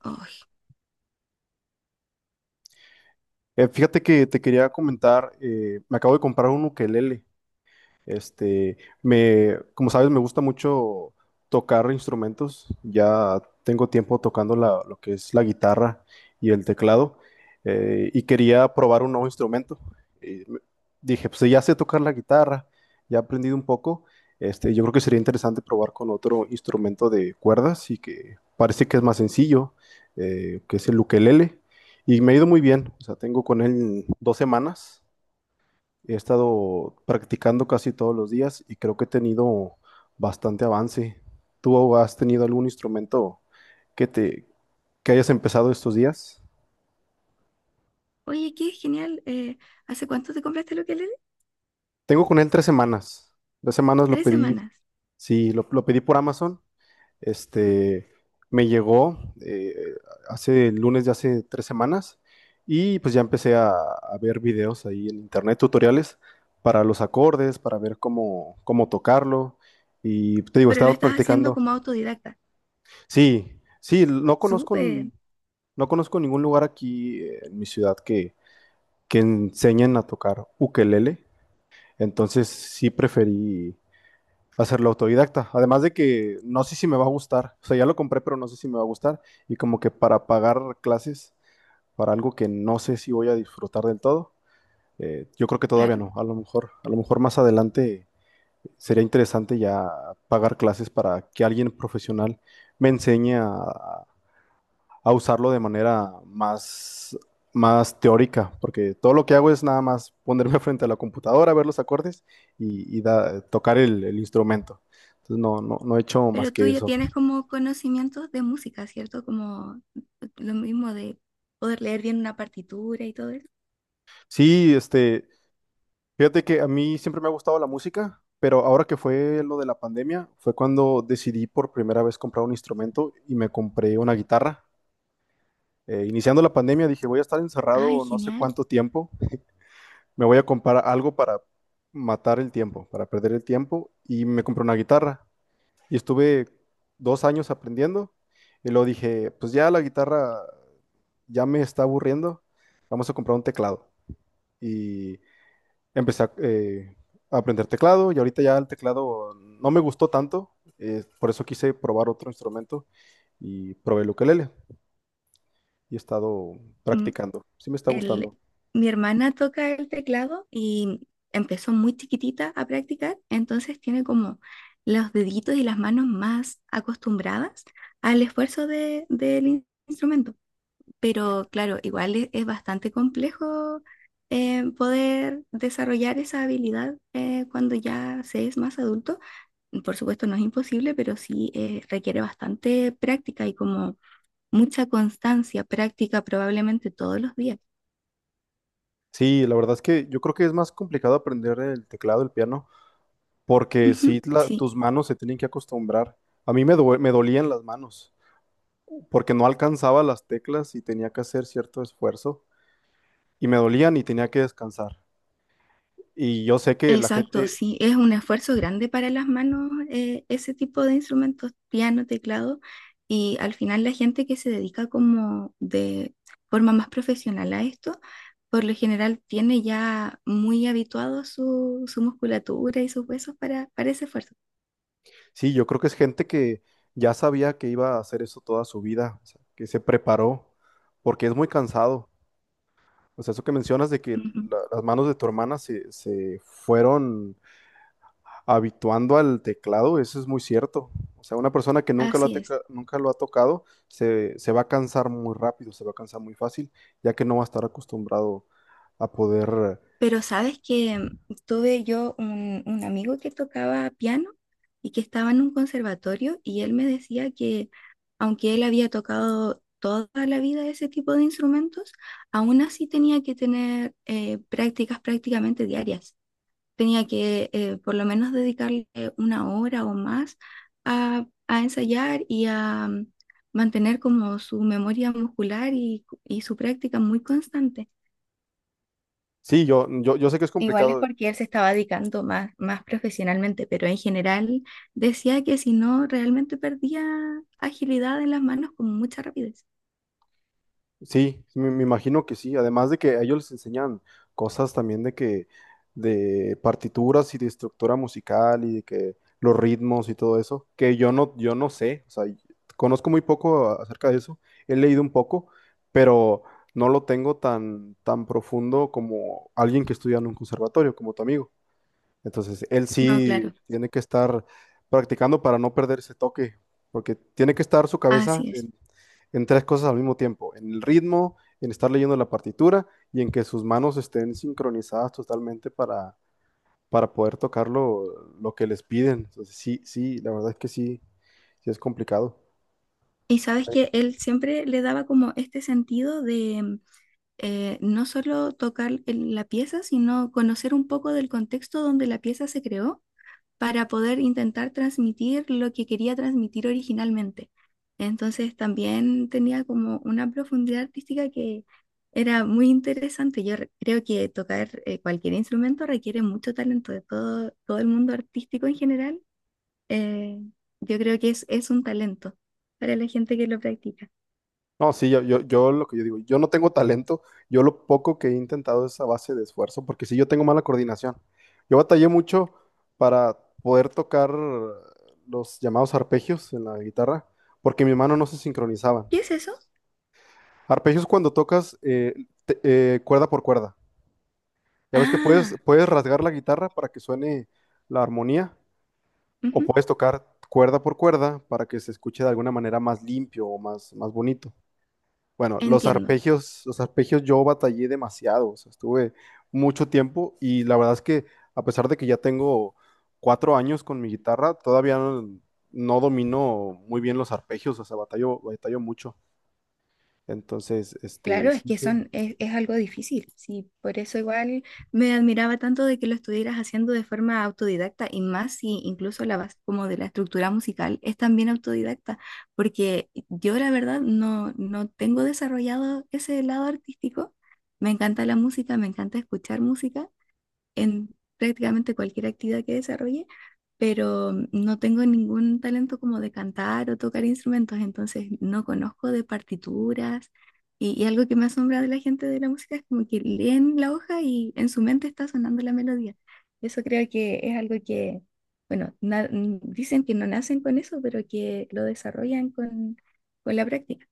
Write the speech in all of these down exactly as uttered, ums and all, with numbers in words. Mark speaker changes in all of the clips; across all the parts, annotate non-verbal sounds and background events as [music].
Speaker 1: Ay,
Speaker 2: Eh, fíjate que te quería comentar, eh, me acabo de comprar un ukelele. Este, me, Como sabes, me gusta mucho tocar instrumentos. Ya tengo tiempo tocando la- lo que es la guitarra y el teclado. Eh, y quería probar un nuevo instrumento. Y me- Dije, pues ya sé tocar la guitarra, ya he aprendido un poco. Este, yo creo que sería interesante probar con otro instrumento de cuerdas y que parece que es más sencillo, eh, que es el ukelele. Y me ha ido muy bien. O sea, tengo con él dos semanas. He estado practicando casi todos los días y creo que he tenido bastante avance. ¿Tú has tenido algún instrumento que te que hayas empezado estos días?
Speaker 1: oye, qué genial. Eh, ¿hace cuánto te compraste lo que le
Speaker 2: Tengo con él tres semanas. Tres semanas lo
Speaker 1: Tres
Speaker 2: pedí.
Speaker 1: semanas.
Speaker 2: Sí, lo, lo pedí por Amazon. Este, Me llegó, eh, hace el lunes de hace tres semanas. Y pues ya empecé a, a ver videos ahí en internet, tutoriales para los acordes, para ver cómo, cómo tocarlo. Y te digo, he
Speaker 1: Pero lo
Speaker 2: estado
Speaker 1: estás haciendo
Speaker 2: practicando.
Speaker 1: como autodidacta.
Speaker 2: Sí, sí. No conozco,
Speaker 1: Súper,
Speaker 2: n- no conozco ningún lugar aquí, eh, en mi ciudad que, que enseñen a tocar ukelele, entonces sí preferí hacerlo autodidacta. Además de que no sé si me va a gustar. O sea, ya lo compré, pero no sé si me va a gustar, y como que para pagar clases para algo que no sé si voy a disfrutar del todo, eh, yo creo que todavía
Speaker 1: claro.
Speaker 2: no. A lo mejor, a lo mejor más adelante sería interesante ya pagar clases para que alguien profesional me enseñe a a usarlo de manera más, más teórica, porque todo lo que hago es nada más ponerme [laughs] frente a la computadora, ver los acordes y, y da- tocar el, el instrumento. Entonces no, no, no he hecho más
Speaker 1: Pero tú
Speaker 2: que
Speaker 1: ya
Speaker 2: eso.
Speaker 1: tienes como conocimientos de música, ¿cierto? Como lo mismo de poder leer bien una partitura y todo eso.
Speaker 2: Sí. Este, fíjate que a mí siempre me ha gustado la música, pero ahora que fue lo de la pandemia, fue cuando decidí por primera vez comprar un instrumento y me compré una guitarra. Eh, iniciando la pandemia dije, voy a estar
Speaker 1: Ay,
Speaker 2: encerrado no sé
Speaker 1: genial.
Speaker 2: cuánto tiempo. Me voy a comprar algo para matar el tiempo, para perder el tiempo, y me compré una guitarra. Y estuve dos años aprendiendo, y luego dije, pues ya la guitarra ya me está aburriendo, vamos a comprar un teclado. Y empecé a, eh, a aprender teclado, y ahorita ya el teclado no me gustó tanto. Eh, por eso quise probar otro instrumento, y probé el ukelele, y he estado
Speaker 1: Mm,
Speaker 2: practicando. Sí me está
Speaker 1: el,
Speaker 2: gustando.
Speaker 1: mi hermana toca el teclado y empezó muy chiquitita a practicar, entonces tiene como los deditos y las manos más acostumbradas al esfuerzo de- del instrumento. Pero claro, igual es, es bastante complejo eh, poder desarrollar esa habilidad eh, cuando ya se es más adulto. Por supuesto, no es imposible, pero sí eh, requiere bastante práctica y como mucha constancia, práctica probablemente todos los días.
Speaker 2: Sí, la verdad es que yo creo que es más complicado aprender el teclado, el piano. Porque sí,
Speaker 1: Ujú,
Speaker 2: la-
Speaker 1: sí.
Speaker 2: tus manos se tienen que acostumbrar. A mí me, due- me dolían las manos, porque no alcanzaba las teclas y tenía que hacer cierto esfuerzo, y me dolían y tenía que descansar. Y yo sé que la
Speaker 1: Exacto,
Speaker 2: gente,
Speaker 1: sí, es un esfuerzo grande para las manos eh, ese tipo de instrumentos, piano, teclado, y al final la gente que se dedica como de forma más profesional a esto, por lo general tiene ya muy habituado su, su musculatura y sus huesos para, para ese esfuerzo.
Speaker 2: sí, yo creo que es gente que ya sabía que iba a hacer eso toda su vida, o sea, que se preparó, porque es muy cansado. O sea, eso que mencionas de que
Speaker 1: Ujú,
Speaker 2: la- las manos de tu hermana se, se fueron habituando al teclado, eso es muy cierto. O sea, una persona que nunca lo ha,
Speaker 1: así es.
Speaker 2: teca- nunca lo ha tocado se, se va a cansar muy rápido, se va a cansar muy fácil, ya que no va a estar acostumbrado a poder...
Speaker 1: Pero sabes que tuve yo un, un amigo que tocaba piano y que estaba en un conservatorio y él me decía que aunque él había tocado toda la vida ese tipo de instrumentos, aún así tenía que tener eh, prácticas prácticamente diarias. Tenía que eh, por lo menos dedicarle una hora o más a, a ensayar y a mm, mantener como su memoria muscular y y su práctica muy constante.
Speaker 2: Sí, yo, yo, yo sé que es
Speaker 1: Igual es
Speaker 2: complicado.
Speaker 1: porque él se estaba dedicando más, más profesionalmente, pero en general decía que si no, realmente perdía agilidad en las manos con mucha rapidez.
Speaker 2: Sí, sí, me, me imagino que sí. Además de que a ellos les enseñan cosas también de que, de partituras y de estructura musical y de que los ritmos y todo eso, que yo no, yo no sé. O sea, y- conozco muy poco a- acerca de eso, he leído un poco, pero no lo tengo tan, tan profundo como alguien que estudia en un conservatorio, como tu amigo. Entonces, él
Speaker 1: No,
Speaker 2: sí
Speaker 1: claro,
Speaker 2: tiene que estar practicando para no perder ese toque, porque tiene que estar su cabeza
Speaker 1: así es.
Speaker 2: en, en tres cosas al mismo tiempo, en el ritmo, en estar leyendo la partitura y en que sus manos estén sincronizadas totalmente para, para poder tocar lo, lo que les piden. Entonces, sí, sí, la verdad es que sí, sí es complicado.
Speaker 1: Y sabes que él siempre le daba como este sentido de eh, no solo tocar el- la pieza, sino conocer un poco del contexto donde la pieza se creó para poder intentar transmitir lo que quería transmitir originalmente. Entonces también tenía como una profundidad artística que era muy interesante. Yo re- creo que tocar eh, cualquier instrumento requiere mucho talento de todo, todo el mundo artístico en general. eh, yo creo que es, es un talento para la gente que lo practica.
Speaker 2: No, sí. yo, yo, yo Lo que yo digo, yo no tengo talento. Yo lo poco que he intentado es a base de esfuerzo, porque sí, yo tengo mala coordinación. Yo batallé mucho para poder tocar los llamados arpegios en la guitarra, porque mi mano no se sincronizaban.
Speaker 1: ¿Qué es eso?
Speaker 2: Arpegios cuando tocas, eh, te- eh, cuerda por cuerda. Ya ves que puedes,
Speaker 1: Ah,
Speaker 2: puedes rasgar la guitarra para que suene la armonía, o
Speaker 1: ujú,
Speaker 2: puedes tocar cuerda por cuerda para que se escuche de alguna manera más limpio o más, más bonito. Bueno, los
Speaker 1: entiendo.
Speaker 2: arpegios, los arpegios yo batallé demasiado. O sea, estuve mucho tiempo y la verdad es que a pesar de que ya tengo cuatro años con mi guitarra, todavía no, no domino muy bien los arpegios. O sea, batallo, batallo mucho. Entonces, este,
Speaker 1: Claro, es
Speaker 2: sí,
Speaker 1: que
Speaker 2: sí,
Speaker 1: son, es, es algo difícil, sí, por eso igual me admiraba tanto de que lo estuvieras haciendo de forma autodidacta y más si incluso la base como de la estructura musical es también autodidacta, porque yo la verdad no, no tengo desarrollado ese lado artístico, me encanta la música, me encanta escuchar música, en prácticamente cualquier actividad que desarrolle, pero no tengo ningún talento como de cantar o tocar instrumentos, entonces no conozco de partituras. Y, y algo que me asombra de la gente de la música es como que leen la hoja y en su mente está sonando la melodía. Eso creo que es algo que, bueno, na- n- dicen que no nacen con eso, pero que lo desarrollan con, con la práctica.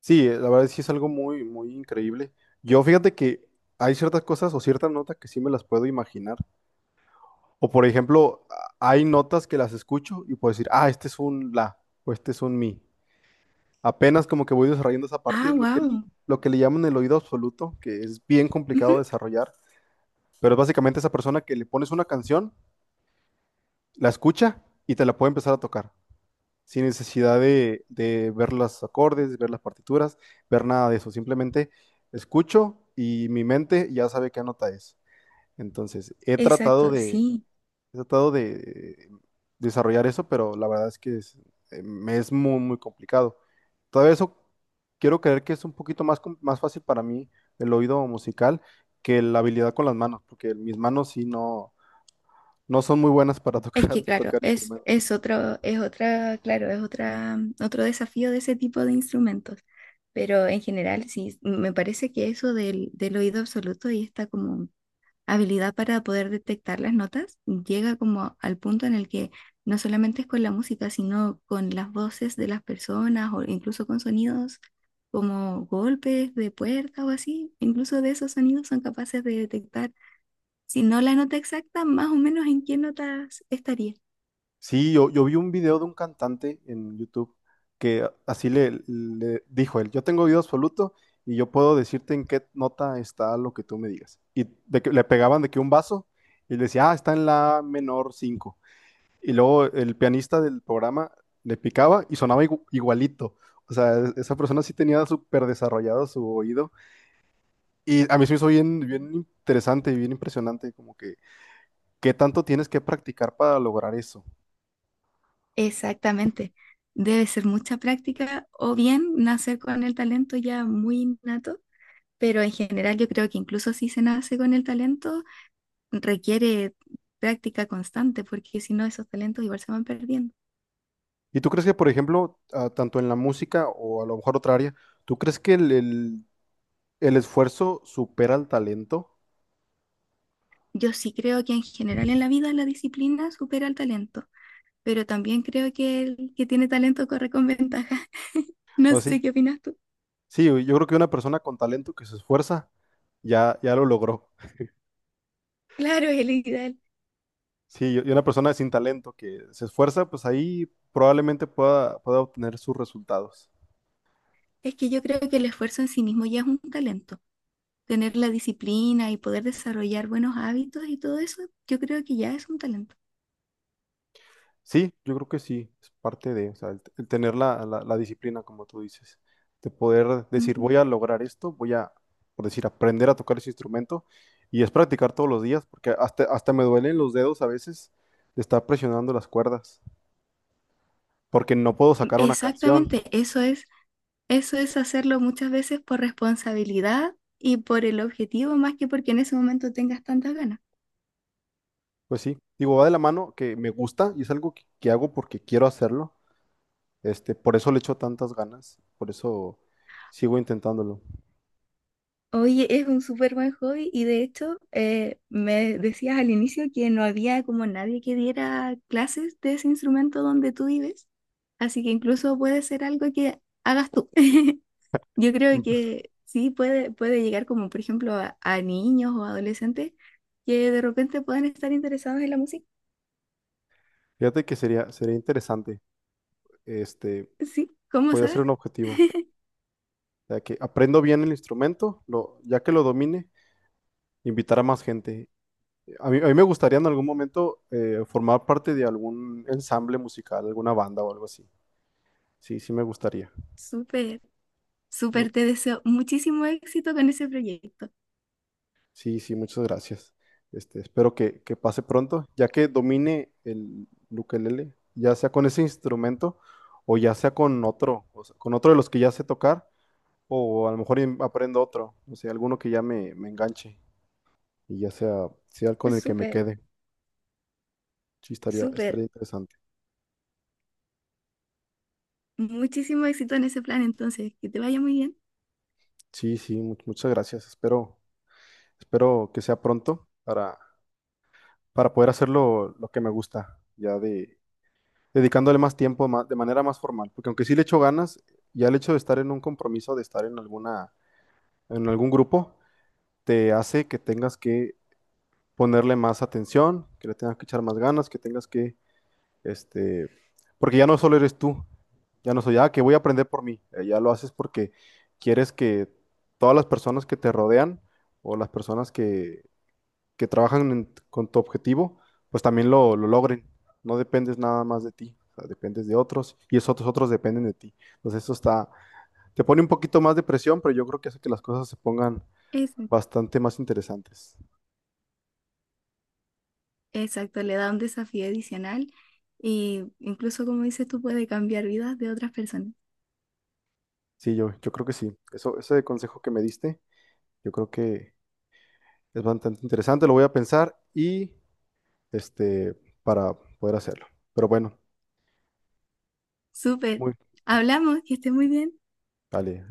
Speaker 2: sí, la verdad sí es algo muy, muy increíble. Yo fíjate que hay ciertas cosas o ciertas notas que sí me las puedo imaginar. O por ejemplo, a- hay notas que las escucho y puedo decir, ah, este es un la o este es un mi. Apenas como que voy desarrollando esa
Speaker 1: Ah,
Speaker 2: parte, lo que,
Speaker 1: wow.
Speaker 2: lo que le llaman el oído absoluto, que es bien complicado de desarrollar, pero es básicamente esa persona que le pones una canción, la escucha y te la puede empezar a tocar, sin necesidad de, de ver los acordes, ver las partituras, ver nada de eso. Simplemente escucho y mi mente ya sabe qué nota es. Entonces, he tratado
Speaker 1: Exacto,
Speaker 2: de
Speaker 1: sí.
Speaker 2: he tratado de desarrollar eso, pero la verdad es que es, eh, me es muy, muy complicado. Todavía eso quiero creer que es un poquito más, com- más fácil para mí el oído musical que la habilidad con las manos, porque mis manos sí no, no son muy buenas para
Speaker 1: Es que
Speaker 2: tocar, [laughs]
Speaker 1: claro,
Speaker 2: tocar
Speaker 1: es,
Speaker 2: instrumentos.
Speaker 1: es otro, es otra, claro, es otra, mm, otro desafío de ese tipo de instrumentos. Pero en general, sí, me parece que eso del, del oído absoluto y esta como habilidad para poder detectar las notas llega como al punto en el que no solamente es con la música, sino con las voces de las personas o incluso con sonidos como golpes de puerta o así, incluso de esos sonidos son capaces de detectar, si no la nota exacta, más o menos en qué notas estaría.
Speaker 2: Sí, yo, yo vi un video de un cantante en YouTube que así le, le dijo él, yo tengo oído absoluto y yo puedo decirte en qué nota está lo que tú me digas. Y de que le pegaban de que un vaso y le decía, ah, está en la menor cinco. Y luego el pianista del programa le picaba y sonaba igu- igualito. O sea, es- esa persona sí tenía súper desarrollado su oído. Y a mí se me hizo bien, bien interesante y bien impresionante, como que qué tanto tienes que practicar para lograr eso.
Speaker 1: Exactamente. Debe ser mucha práctica o bien nacer con el talento ya muy innato, pero en general yo creo que incluso si se nace con el talento, requiere práctica constante, porque si no esos talentos igual se van perdiendo.
Speaker 2: ¿Y tú crees que, por ejemplo, a- tanto en la música o a lo mejor otra área, tú crees que el, el- el esfuerzo supera al talento?
Speaker 1: Yo sí creo que en general en la vida la disciplina supera al talento, pero también creo que el que tiene talento corre con ventaja. [laughs] No
Speaker 2: ¿O
Speaker 1: sé
Speaker 2: sí?
Speaker 1: qué opinas tú.
Speaker 2: Sí, yo yo creo que una persona con talento que se esfuerza ya, ya lo logró.
Speaker 1: Claro, es el ideal.
Speaker 2: Sí, y y una persona sin talento que se esfuerza, pues ahí probablemente pueda, pueda obtener sus resultados.
Speaker 1: Es que yo creo que el esfuerzo en sí mismo ya es un talento. Tener la disciplina y poder desarrollar buenos hábitos y todo eso, yo creo que ya es un talento.
Speaker 2: Sí, yo creo que sí, es parte de... O sea, el, el tener la, la- la disciplina, como tú dices, de poder decir,
Speaker 1: Ujú.
Speaker 2: voy a lograr esto, voy a, por decir, aprender a tocar ese instrumento, y es practicar todos los días, porque hasta, hasta me duelen los dedos a veces de estar presionando las cuerdas, porque no puedo sacar una canción.
Speaker 1: Exactamente, eso es, eso es hacerlo muchas veces por responsabilidad y por el objetivo más que porque en ese momento tengas tantas ganas.
Speaker 2: Pues sí, digo, va de la mano que me gusta y es algo que, que hago porque quiero hacerlo, este, por eso le echo tantas ganas, por eso sigo intentándolo. [laughs]
Speaker 1: Oye, es un súper buen hobby y de hecho eh, me decías al inicio que no había como nadie que diera clases de ese instrumento donde tú vives, así que incluso puede ser algo que hagas tú. [laughs] Yo creo
Speaker 2: Mm.
Speaker 1: que sí puede, puede llegar como por ejemplo a, a niños o adolescentes que de repente puedan estar interesados en la música.
Speaker 2: Fíjate que sería, sería interesante. este
Speaker 1: Sí, ¿cómo
Speaker 2: Podría ser
Speaker 1: sabes?
Speaker 2: un objetivo.
Speaker 1: [laughs]
Speaker 2: Ya que aprendo bien el instrumento, lo, ya que lo domine, invitar a más gente. A mí, a mí me gustaría en algún momento, eh, formar parte de algún ensamble musical, alguna banda o algo así. Sí, sí me gustaría.
Speaker 1: Súper,
Speaker 2: No.
Speaker 1: súper, te deseo muchísimo éxito con ese proyecto.
Speaker 2: Sí, sí, muchas gracias. Este, espero que, que pase pronto, ya que domine el ukelele, ya sea con ese instrumento o ya sea con otro, o sea, con otro de los que ya sé tocar, o a lo mejor in- aprendo otro, o sea, alguno que ya me me enganche. Y ya sea, sea con el que me
Speaker 1: Súper,
Speaker 2: quede. Sí, estaría, estaría
Speaker 1: súper,
Speaker 2: interesante.
Speaker 1: muchísimo éxito en ese plan. Entonces, que te vaya muy bien.
Speaker 2: Sí, sí, mu- muchas gracias. Espero, espero que sea pronto para, para poder hacerlo lo que me gusta, ya de dedicándole más tiempo ma- de manera más formal. Porque aunque sí le echo ganas, ya el hecho de estar en un compromiso, de estar en alguna, en algún grupo, te hace que tengas que ponerle más atención, que le tengas que echar más ganas, que tengas que... Este, porque ya no solo eres tú, ya no soy, ah, que voy a aprender por mí. Eh, ya lo haces porque quieres que todas las personas que te rodean o las personas que, que trabajan en- con tu objetivo, pues también lo, lo logren. No dependes nada más de ti, o sea, dependes de otros y esos otros, otros dependen de ti. Entonces eso está, te pone un poquito más de presión, pero yo creo que hace que las cosas se pongan
Speaker 1: Eso
Speaker 2: bastante más interesantes.
Speaker 1: exacto, le da un desafío adicional y incluso como dices tú puede cambiar vidas de otras personas.
Speaker 2: Sí, yo, yo creo que sí. Eso, ese consejo que me diste, yo creo que es bastante interesante. Lo voy a pensar y este, para poder hacerlo. Pero bueno,
Speaker 1: Súper,
Speaker 2: muy,
Speaker 1: hablamos, que esté muy bien.
Speaker 2: vale.